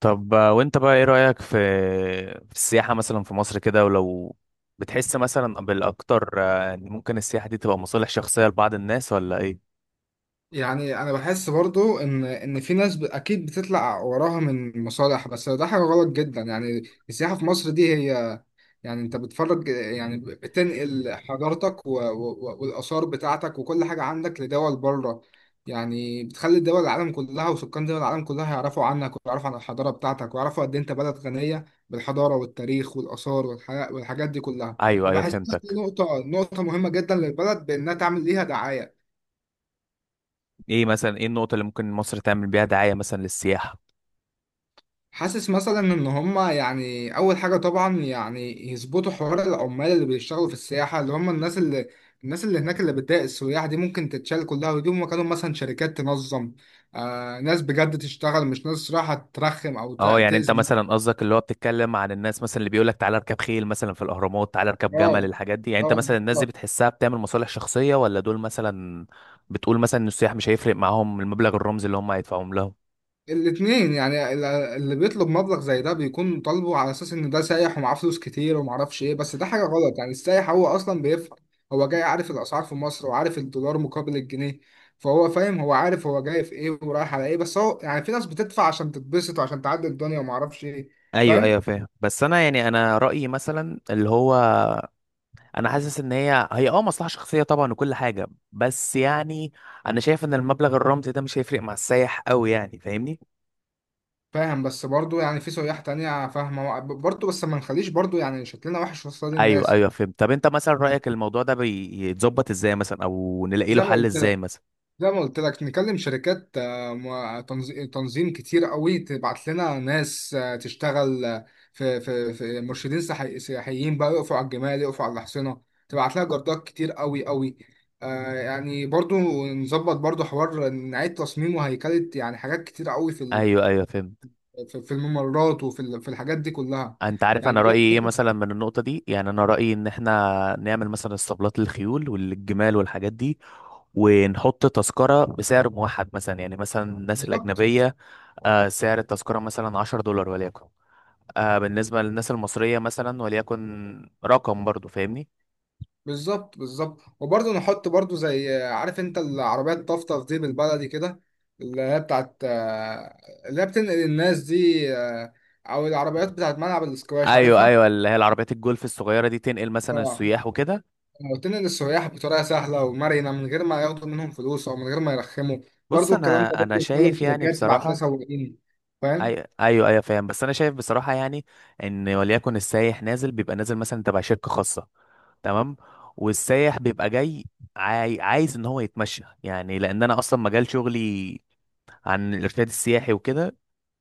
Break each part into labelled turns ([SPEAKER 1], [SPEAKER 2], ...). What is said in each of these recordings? [SPEAKER 1] طب وانت بقى ايه رأيك في السياحة مثلا في مصر كده، ولو بتحس مثلا بالاكتر ان ممكن السياحة دي تبقى مصالح شخصية لبعض الناس ولا ايه؟
[SPEAKER 2] يعني انا بحس برضو ان في ناس اكيد بتطلع وراها من مصالح، بس ده حاجه غلط جدا يعني. السياحه في مصر دي هي، يعني انت بتفرج، يعني بتنقل حضارتك والاثار بتاعتك وكل حاجه عندك لدول بره. يعني بتخلي دول العالم كلها وسكان دول العالم كلها يعرفوا عنك ويعرفوا عن الحضاره بتاعتك، ويعرفوا قد إيه انت بلد غنيه بالحضاره والتاريخ والاثار والحاجات دي كلها.
[SPEAKER 1] ايوه ايوه،
[SPEAKER 2] وبحسها دي
[SPEAKER 1] فهمتك.
[SPEAKER 2] نقطه مهمه جدا للبلد بانها تعمل ليها دعايه.
[SPEAKER 1] ايه مثلا، ايه النقطة اللي ممكن مصر تعمل بيها دعاية مثلا للسياحة؟
[SPEAKER 2] حاسس مثلا ان هما يعني اول حاجه طبعا يعني يظبطوا حوار العمال اللي بيشتغلوا في السياحه، اللي هم الناس اللي الناس اللي هناك اللي بتضايق السياح دي ممكن تتشال كلها، ويجيبوا مكانهم مثلا شركات تنظم. ناس بجد تشتغل، مش ناس رايحه ترخم او
[SPEAKER 1] اه، يعني انت
[SPEAKER 2] تاذي.
[SPEAKER 1] مثلا قصدك اللي هو بتتكلم عن الناس مثلا اللي بيقولك تعالى اركب خيل مثلا في الاهرامات، تعالى اركب
[SPEAKER 2] اه.
[SPEAKER 1] جمل، الحاجات دي. يعني انت
[SPEAKER 2] اه.
[SPEAKER 1] مثلا الناس دي
[SPEAKER 2] آه.
[SPEAKER 1] بتحسها بتعمل مصالح شخصية ولا دول مثلا بتقول مثلا ان السياح مش هيفرق معاهم المبلغ الرمزي اللي هم هيدفعوهم لهم؟
[SPEAKER 2] الاتنين يعني، اللي بيطلب مبلغ زي ده بيكون طالبه على اساس ان ده سايح ومعاه فلوس كتير ومعرفش ايه، بس ده حاجه غلط. يعني السايح هو اصلا بيفهم، هو جاي عارف الاسعار في مصر وعارف الدولار مقابل الجنيه، فهو فاهم. هو عارف هو جاي في ايه ورايح على ايه، بس هو يعني في ناس بتدفع عشان تتبسط وعشان تعدي الدنيا ومعرفش ايه.
[SPEAKER 1] ايوه ايوه
[SPEAKER 2] فاهم،
[SPEAKER 1] فاهم. بس انا يعني انا رايي مثلا اللي هو، انا حاسس ان هي هي مصلحه شخصيه طبعا وكل حاجه، بس يعني انا شايف ان المبلغ الرمزي ده مش هيفرق مع السايح قوي، يعني فاهمني؟
[SPEAKER 2] فاهم. بس برضو يعني في سياح تانية فاهمة برضو، بس ما نخليش برضو يعني شكلنا وحش قصاد
[SPEAKER 1] ايوه
[SPEAKER 2] الناس.
[SPEAKER 1] ايوه فهمت. طب انت مثلا
[SPEAKER 2] يعني
[SPEAKER 1] رايك الموضوع ده بيتظبط ازاي مثلا، او نلاقي له
[SPEAKER 2] زي ما
[SPEAKER 1] حل
[SPEAKER 2] قلت
[SPEAKER 1] ازاي مثلا؟
[SPEAKER 2] زي ما قلت لك نكلم شركات، تنظيم كتير قوي تبعت لنا ناس تشتغل. في مرشدين سياحيين بقى يقفوا على الجمال، يقفوا على الحصينة. تبعت لها جردات كتير قوي قوي. يعني برضو نظبط برضو حوار، نعيد تصميمه هيكلة، يعني حاجات كتير قوي في ال-
[SPEAKER 1] ايوه ايوه فهمت.
[SPEAKER 2] في في الممرات، وفي ال- في الحاجات دي كلها.
[SPEAKER 1] انت عارف
[SPEAKER 2] يعني
[SPEAKER 1] انا رايي ايه
[SPEAKER 2] في-
[SPEAKER 1] مثلا من النقطه دي؟ يعني انا رايي ان احنا نعمل مثلا اسطبلات للخيول والجمال والحاجات دي، ونحط تذكره بسعر موحد. مثلا يعني مثلا الناس
[SPEAKER 2] بالظبط،
[SPEAKER 1] الاجنبيه، سعر التذكره مثلا 10 دولار وليكن، بالنسبه للناس المصريه مثلا وليكن رقم، برضو فاهمني؟
[SPEAKER 2] بالظبط، بالظبط. وبرضه نحط برضه زي، عارف انت العربية الطفطف دي بالبلدي كده، اللي هي بتاعت، اللي هي بتنقل الناس دي، او العربيات بتاعت ملعب الاسكواش،
[SPEAKER 1] ايوه
[SPEAKER 2] عارفها؟
[SPEAKER 1] ايوه، اللي هي العربيات الجولف الصغيره دي تنقل مثلا
[SPEAKER 2] اه.
[SPEAKER 1] السياح وكده.
[SPEAKER 2] بتنقل السياح بطريقة سهلة ومرنة، من غير ما ياخدوا منهم فلوس، او من غير ما يرخموا.
[SPEAKER 1] بص
[SPEAKER 2] برضه الكلام ده
[SPEAKER 1] انا
[SPEAKER 2] برضه يتكلم
[SPEAKER 1] شايف يعني
[SPEAKER 2] شركات تبعت لها
[SPEAKER 1] بصراحه،
[SPEAKER 2] سواقين، فاهم؟
[SPEAKER 1] ايوه ايوه ايوه فاهم، بس انا شايف بصراحه يعني، ان وليكن السايح نازل بيبقى نازل مثلا تبع شركه خاصه، تمام، والسايح بيبقى جاي عايز ان هو يتمشى، يعني لان انا اصلا مجال شغلي عن الارشاد السياحي وكده.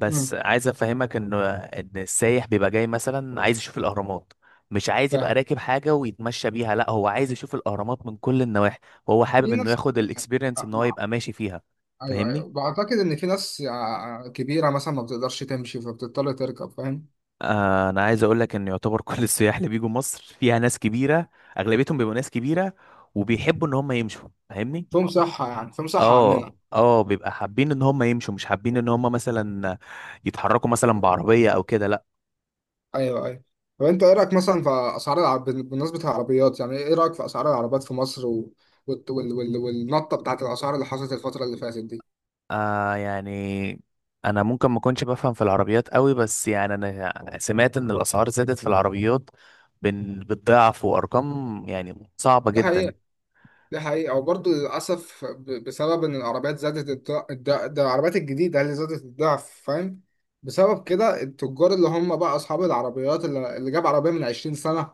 [SPEAKER 1] بس
[SPEAKER 2] امم.
[SPEAKER 1] عايز افهمك ان السايح بيبقى جاي مثلا عايز يشوف الاهرامات، مش عايز يبقى
[SPEAKER 2] فاهم.
[SPEAKER 1] راكب حاجه ويتمشى بيها، لا، هو عايز يشوف الاهرامات من كل النواحي، وهو
[SPEAKER 2] في
[SPEAKER 1] حابب انه
[SPEAKER 2] ناس
[SPEAKER 1] ياخد
[SPEAKER 2] آه،
[SPEAKER 1] الاكسبيرينس
[SPEAKER 2] آه،
[SPEAKER 1] ان هو
[SPEAKER 2] مع-
[SPEAKER 1] يبقى ماشي فيها،
[SPEAKER 2] ايوه،
[SPEAKER 1] فاهمني؟
[SPEAKER 2] ايوه، بعتقد ان في ناس كبيرة مثلا ما بتقدرش تمشي فبتضطر تركب، فاهم؟
[SPEAKER 1] انا عايز اقول لك ان يعتبر كل السياح اللي بيجوا مصر فيها ناس كبيره، اغلبيتهم بيبقوا ناس كبيره وبيحبوا ان هم يمشوا، فاهمني؟
[SPEAKER 2] في مصحة يعني في مصحة عننا.
[SPEAKER 1] اه اه، بيبقى حابين ان هم يمشوا، مش حابين ان هم مثلا يتحركوا مثلا بعربيه او كده، لا.
[SPEAKER 2] أيوه، أيوه. طب أنت إيه رأيك مثلا في أسعار العرب بالنسبة للعربيات؟ يعني إيه رأيك في أسعار العربيات في مصر و... والت- وال... وال... والنطة بتاعت الأسعار اللي حصلت الفترة اللي فاتت دي؟
[SPEAKER 1] آه يعني انا ممكن ما اكونش بفهم في العربيات قوي، بس يعني انا سمعت ان الاسعار زادت في العربيات بالضعف، وارقام يعني صعبه
[SPEAKER 2] دي
[SPEAKER 1] جدا.
[SPEAKER 2] حقيقة. دي حقيقة. وبرضه للأسف، بسبب إن العربيات زادت الضعف، ده العربيات الجديدة اللي زادت الضعف، فاهم. بسبب كده التجار اللي هم بقى أصحاب العربيات اللي جاب عربية من 20 سنة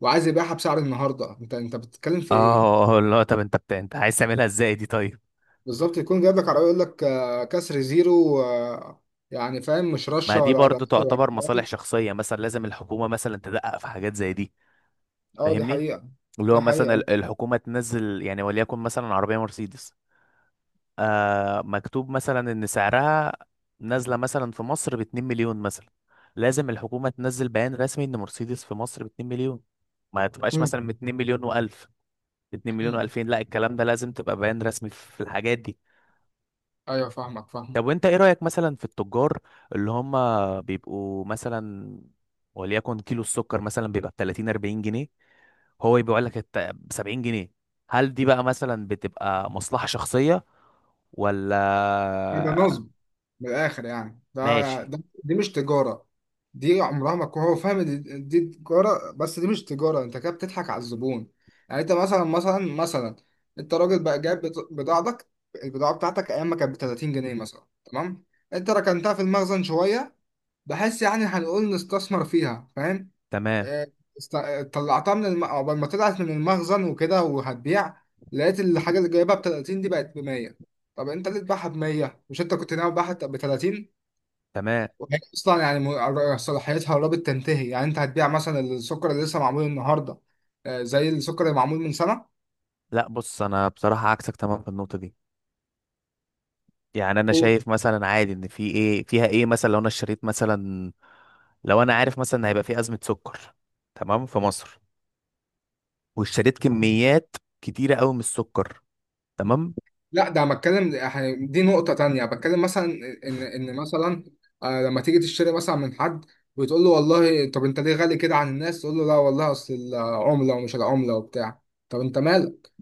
[SPEAKER 2] وعايز يبيعها بسعر النهاردة. أنت بتتكلم في إيه؟
[SPEAKER 1] اه لا، طب انت انت عايز تعملها ازاي دي طيب؟
[SPEAKER 2] بالظبط. يكون جايب لك عربية يقول لك كسر زيرو. يعني فاهم، مش
[SPEAKER 1] ما
[SPEAKER 2] رشة
[SPEAKER 1] دي
[SPEAKER 2] ولا ده
[SPEAKER 1] برضو
[SPEAKER 2] ولا
[SPEAKER 1] تعتبر
[SPEAKER 2] بتاع.
[SPEAKER 1] مصالح شخصية، مثلا لازم الحكومة مثلا تدقق في حاجات زي دي،
[SPEAKER 2] اه، دي
[SPEAKER 1] فاهمني؟
[SPEAKER 2] حقيقة،
[SPEAKER 1] اللي هو
[SPEAKER 2] دي
[SPEAKER 1] مثلا
[SPEAKER 2] حقيقة.
[SPEAKER 1] الحكومة تنزل يعني وليكن مثلا عربية مرسيدس، آه مكتوب مثلا إن سعرها نازلة مثلا في مصر بـ2 مليون مثلا، لازم الحكومة تنزل بيان رسمي إن مرسيدس في مصر بـ2 مليون، ما تبقاش
[SPEAKER 2] مم.
[SPEAKER 1] مثلا بـ2 مليون وألف، باتنين مليون
[SPEAKER 2] مم.
[SPEAKER 1] وألفين لا، الكلام ده لازم تبقى بيان رسمي في الحاجات دي.
[SPEAKER 2] ايوه، فاهمك،
[SPEAKER 1] طب
[SPEAKER 2] فاهمك.
[SPEAKER 1] وانت ايه رأيك مثلا في التجار اللي هم بيبقوا مثلا وليكن كيلو السكر مثلا بيبقى ب 30 40 جنيه، هو يبيع لك ب 70 جنيه؟ هل دي بقى مثلا بتبقى مصلحة شخصية
[SPEAKER 2] يبقى
[SPEAKER 1] ولا؟
[SPEAKER 2] نظم. من الآخر يعني ده,
[SPEAKER 1] ماشي.
[SPEAKER 2] ده دي مش تجارة، دي عمرها ما تكون. هو فاهم دي تجارة، بس دي مش تجارة. انت كده بتضحك على الزبون. يعني انت مثلا، انت راجل بقى جايب بضاعتك. البضاعة بتاعتك ايام ما كانت ب 30 جنيه مثلا، تمام. انت ركنتها في المخزن شوية، بحس يعني هنقول نستثمر فيها، فاهم.
[SPEAKER 1] تمام
[SPEAKER 2] آه، طلعتها من عقبال ما طلعت من المخزن وكده وهتبيع، لقيت الحاجة اللي جايبها ب 30 دي بقت ب 100. طب انت ليه تبيعها ب 100؟ مش انت كنت ناوي تبيعها ب 30؟
[SPEAKER 1] تمام.
[SPEAKER 2] وهي اصلا يعني صلاحيتها قربت تنتهي. يعني انت هتبيع مثلا السكر اللي لسه معمول النهارده زي السكر اللي معمول من سنة.
[SPEAKER 1] لا بص، انا بصراحة عكسك تمام في النقطة دي. يعني انا شايف مثلا عادي ان في ايه فيها ايه. مثلا لو انا اشتريت مثلا، لو انا عارف مثلا هيبقى في أزمة سكر، تمام، في مصر، واشتريت كميات كتيرة قوي من السكر، تمام.
[SPEAKER 2] لا، ده أنا بتكلم يعني دي نقطة تانية. بتكلم مثلا إن مثلا، لما تيجي تشتري مثلا من حد وتقول له والله، طب أنت ليه غالي كده عن الناس؟ تقول له لا والله، أصل العملة ومش العملة وبتاع. طب أنت مالك؟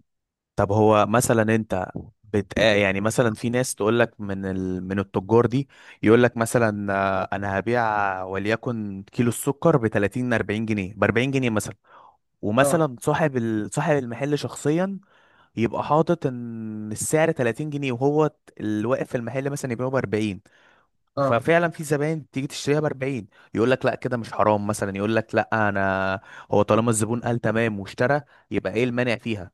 [SPEAKER 1] طب هو مثلا انت يعني مثلا في ناس تقول لك من من التجار دي يقول لك مثلا، انا هبيع وليكن كيلو السكر ب 30 40 جنيه، ب 40 جنيه مثلا.
[SPEAKER 2] أه.
[SPEAKER 1] ومثلا صاحب صاحب المحل شخصيا يبقى حاطط ان السعر 30 جنيه، وهو الواقف في المحل مثلا يبيعه ب 40،
[SPEAKER 2] أه.
[SPEAKER 1] ففعلا في زباين تيجي تشتريها ب 40. يقول لك لا كده مش حرام مثلا؟ يقول لك لا انا، هو طالما الزبون قال تمام واشترى يبقى ايه المانع فيها.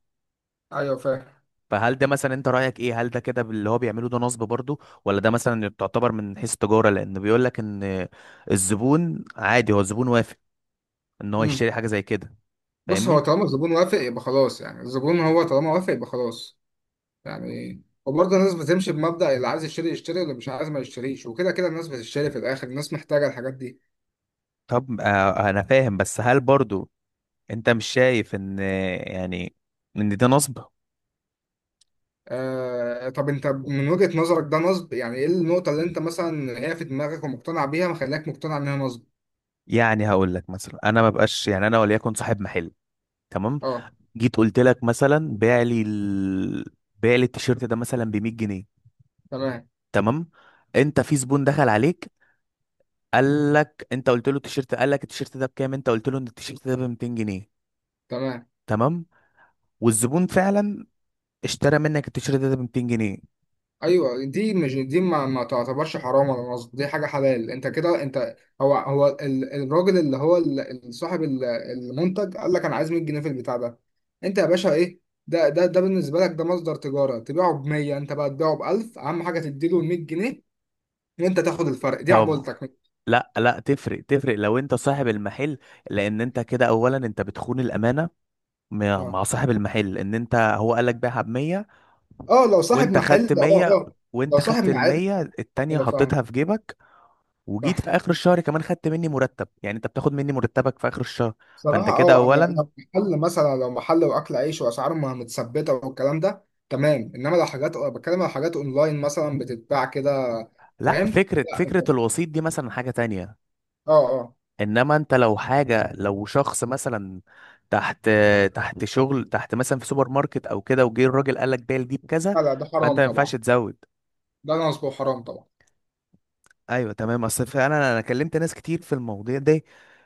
[SPEAKER 2] أيوه، فاهم.
[SPEAKER 1] فهل ده مثلا، انت رايك ايه، هل ده كده اللي هو بيعمله ده نصب برضه، ولا ده مثلا تعتبر من حيث التجاره، لان بيقول لك ان الزبون عادي، هو الزبون وافق ان هو
[SPEAKER 2] مم.
[SPEAKER 1] يشتري حاجه زي كده،
[SPEAKER 2] بص، هو
[SPEAKER 1] فاهمني؟
[SPEAKER 2] طالما الزبون وافق يبقى خلاص، يعني الزبون هو طالما وافق يبقى خلاص. يعني وبرضه الناس بتمشي بمبدأ اللي عايز يشتري يشتري واللي مش عايز ما يشتريش. وكده كده الناس بتشتري في الآخر، الناس محتاجة الحاجات دي.
[SPEAKER 1] طب انا فاهم، بس هل برضه انت مش شايف ان يعني ان ده نصب؟
[SPEAKER 2] آه، طب انت من وجهة نظرك ده نصب، يعني ايه النقطة اللي انت مثلا هي في دماغك ومقتنع بيها مخليك مقتنع انها نصب؟
[SPEAKER 1] يعني هقول لك مثلا، انا ما بقاش يعني انا وليكن صاحب محل، تمام،
[SPEAKER 2] اه.
[SPEAKER 1] جيت قلت لك مثلا بيع لي بيع لي التيشيرت ده مثلا ب 100 جنيه،
[SPEAKER 2] تمام،
[SPEAKER 1] تمام، انت في زبون دخل عليك قال لك انت، قلت له التيشيرت، قال لك التيشيرت ده بكام، انت قلت له ان التيشيرت ده ب 200 جنيه،
[SPEAKER 2] تمام.
[SPEAKER 1] تمام، والزبون فعلا اشترى منك التيشيرت ده ب 200 جنيه.
[SPEAKER 2] ايوه، دي مش دي، ما تعتبرش حرام ولا نصب، دي حاجة حلال. انت كده انت، الراجل اللي هو صاحب المنتج قال لك انا عايز 100 جنيه في البتاع ده، انت يا باشا ايه؟ ده بالنسبة لك ده مصدر تجارة، تبيعه ب 100، انت بقى تبيعه ب 1000، اهم حاجة تديله 100 جنيه وانت تاخد الفرق دي
[SPEAKER 1] طب،
[SPEAKER 2] عمولتك.
[SPEAKER 1] لا لا تفرق تفرق لو انت صاحب المحل، لان انت كده اولا انت بتخون الامانه مع
[SPEAKER 2] اه،
[SPEAKER 1] مع صاحب المحل، ان انت هو قال لك بيعها ب 100
[SPEAKER 2] اه، لو صاحب
[SPEAKER 1] وانت
[SPEAKER 2] محل،
[SPEAKER 1] خدت
[SPEAKER 2] اه،
[SPEAKER 1] 100،
[SPEAKER 2] اه. لو
[SPEAKER 1] وانت
[SPEAKER 2] صاحب
[SPEAKER 1] خدت ال
[SPEAKER 2] محل،
[SPEAKER 1] 100 التانية
[SPEAKER 2] انا فاهم.
[SPEAKER 1] حطيتها في جيبك، وجيت في
[SPEAKER 2] صح.
[SPEAKER 1] اخر الشهر كمان خدت مني مرتب، يعني انت بتاخد مني مرتبك في اخر الشهر. فانت
[SPEAKER 2] صراحة،
[SPEAKER 1] كده
[SPEAKER 2] اه، لو
[SPEAKER 1] اولا،
[SPEAKER 2] لو محل مثلا، لو محل واكل عيش واسعاره ما متثبتة والكلام ده تمام، انما لو حاجات، بتكلم على حاجات اونلاين مثلا بتتباع كده،
[SPEAKER 1] لا،
[SPEAKER 2] فاهم؟
[SPEAKER 1] فكرة
[SPEAKER 2] لا
[SPEAKER 1] فكرة
[SPEAKER 2] انت-
[SPEAKER 1] الوسيط دي مثلا حاجة تانية.
[SPEAKER 2] اه، اه،
[SPEAKER 1] انما انت لو حاجة، لو شخص مثلا تحت تحت شغل مثلا في سوبر ماركت او كده، وجه الراجل قال لك بيع دي بكذا،
[SPEAKER 2] لا، لا، ده
[SPEAKER 1] فانت
[SPEAKER 2] حرام
[SPEAKER 1] ما ينفعش
[SPEAKER 2] طبعا.
[SPEAKER 1] تزود.
[SPEAKER 2] ده نصب، حرام طبعا.
[SPEAKER 1] ايوه تمام. اصل فعلا انا كلمت ناس كتير في المواضيع دي،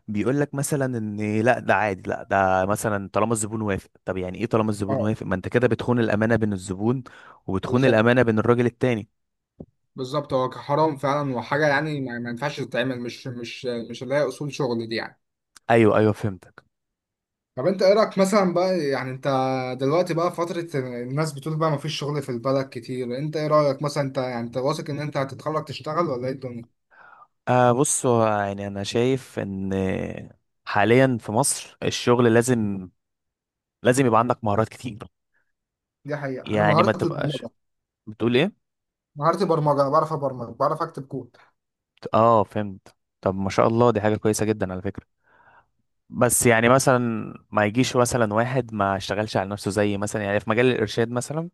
[SPEAKER 1] بيقول لك مثلا ان لا ده عادي، لا ده مثلا طالما الزبون وافق. طب يعني ايه طالما الزبون
[SPEAKER 2] اه،
[SPEAKER 1] وافق؟ ما انت كده بتخون الامانه بين الزبون وبتخون
[SPEAKER 2] بالظبط.
[SPEAKER 1] الامانه بين الراجل التاني.
[SPEAKER 2] بالظبط، هو حرام فعلا، وحاجة يعني ما ينفعش تتعمل، مش اللي هي اصول شغل دي يعني.
[SPEAKER 1] ايوه ايوه فهمتك.
[SPEAKER 2] طب انت ايه رايك مثلا بقى، يعني انت دلوقتي بقى فتره الناس بتقول بقى مفيش شغل في البلد كتير، انت ايه رايك مثلا؟ انت يعني انت واثق ان انت هتتخرج تشتغل، ولا ايه الدنيا؟
[SPEAKER 1] آه بص، هو يعني انا شايف ان حاليا في مصر الشغل لازم، لازم يبقى عندك مهارات كتير،
[SPEAKER 2] دي حقيقه. انا
[SPEAKER 1] يعني ما
[SPEAKER 2] مهارتي
[SPEAKER 1] تبقاش،
[SPEAKER 2] البرمجه.
[SPEAKER 1] بتقول ايه؟
[SPEAKER 2] مهارتي برمجه، أنا بعرف ابرمج، بعرف اكتب كود.
[SPEAKER 1] اه فهمت. طب ما شاء الله، دي حاجه كويسه جدا على فكره. بس يعني مثلا ما يجيش مثلا واحد ما اشتغلش على نفسه، زي مثلا يعني في مجال الارشاد مثلا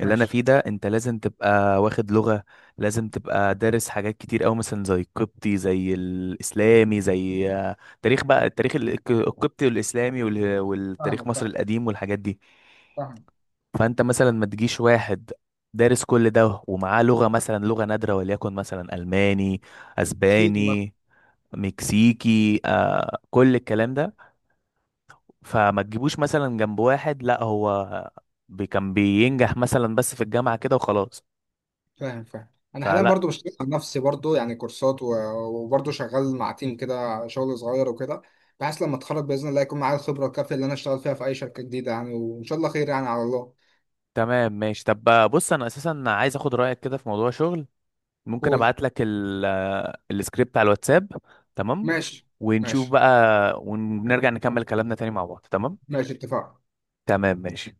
[SPEAKER 1] اللي انا
[SPEAKER 2] ماشي.
[SPEAKER 1] فيه ده، انت لازم تبقى واخد لغة، لازم تبقى دارس حاجات كتير قوي، مثلا زي القبطي زي الاسلامي زي تاريخ، بقى التاريخ القبطي والاسلامي والتاريخ
[SPEAKER 2] فاهمك.
[SPEAKER 1] مصر
[SPEAKER 2] فاهم،
[SPEAKER 1] القديم والحاجات دي.
[SPEAKER 2] فاهم.
[SPEAKER 1] فانت مثلا ما تجيش واحد دارس كل ده ومعاه لغة مثلا، لغة نادرة وليكن مثلا الماني،
[SPEAKER 2] فيني مثلا.
[SPEAKER 1] اسباني، مكسيكي، آه كل الكلام ده، فما تجيبوش مثلا جنب واحد لا هو كان بينجح مثلا بس في الجامعة كده وخلاص
[SPEAKER 2] فاهم، فاهم. انا حاليا
[SPEAKER 1] فلا.
[SPEAKER 2] برضو بشتغل على نفسي، برضو يعني كورسات وبرضو شغال مع تيم كده شغل صغير وكده، بحيث لما اتخرج باذن الله يكون معايا الخبره الكافيه اللي انا اشتغل فيها في اي شركه جديده يعني، وان شاء الله خير يعني، على الله.
[SPEAKER 1] تمام ماشي. طب بقى بص، انا اساسا عايز اخد رأيك كده في موضوع شغل، ممكن
[SPEAKER 2] قول.
[SPEAKER 1] ابعت لك السكريبت على الواتساب، تمام؟
[SPEAKER 2] ماشي.
[SPEAKER 1] ونشوف
[SPEAKER 2] ماشي.
[SPEAKER 1] بقى، ونرجع نكمل كلامنا تاني مع بعض، تمام.
[SPEAKER 2] ماشي، اتفقنا.
[SPEAKER 1] تمام ماشي.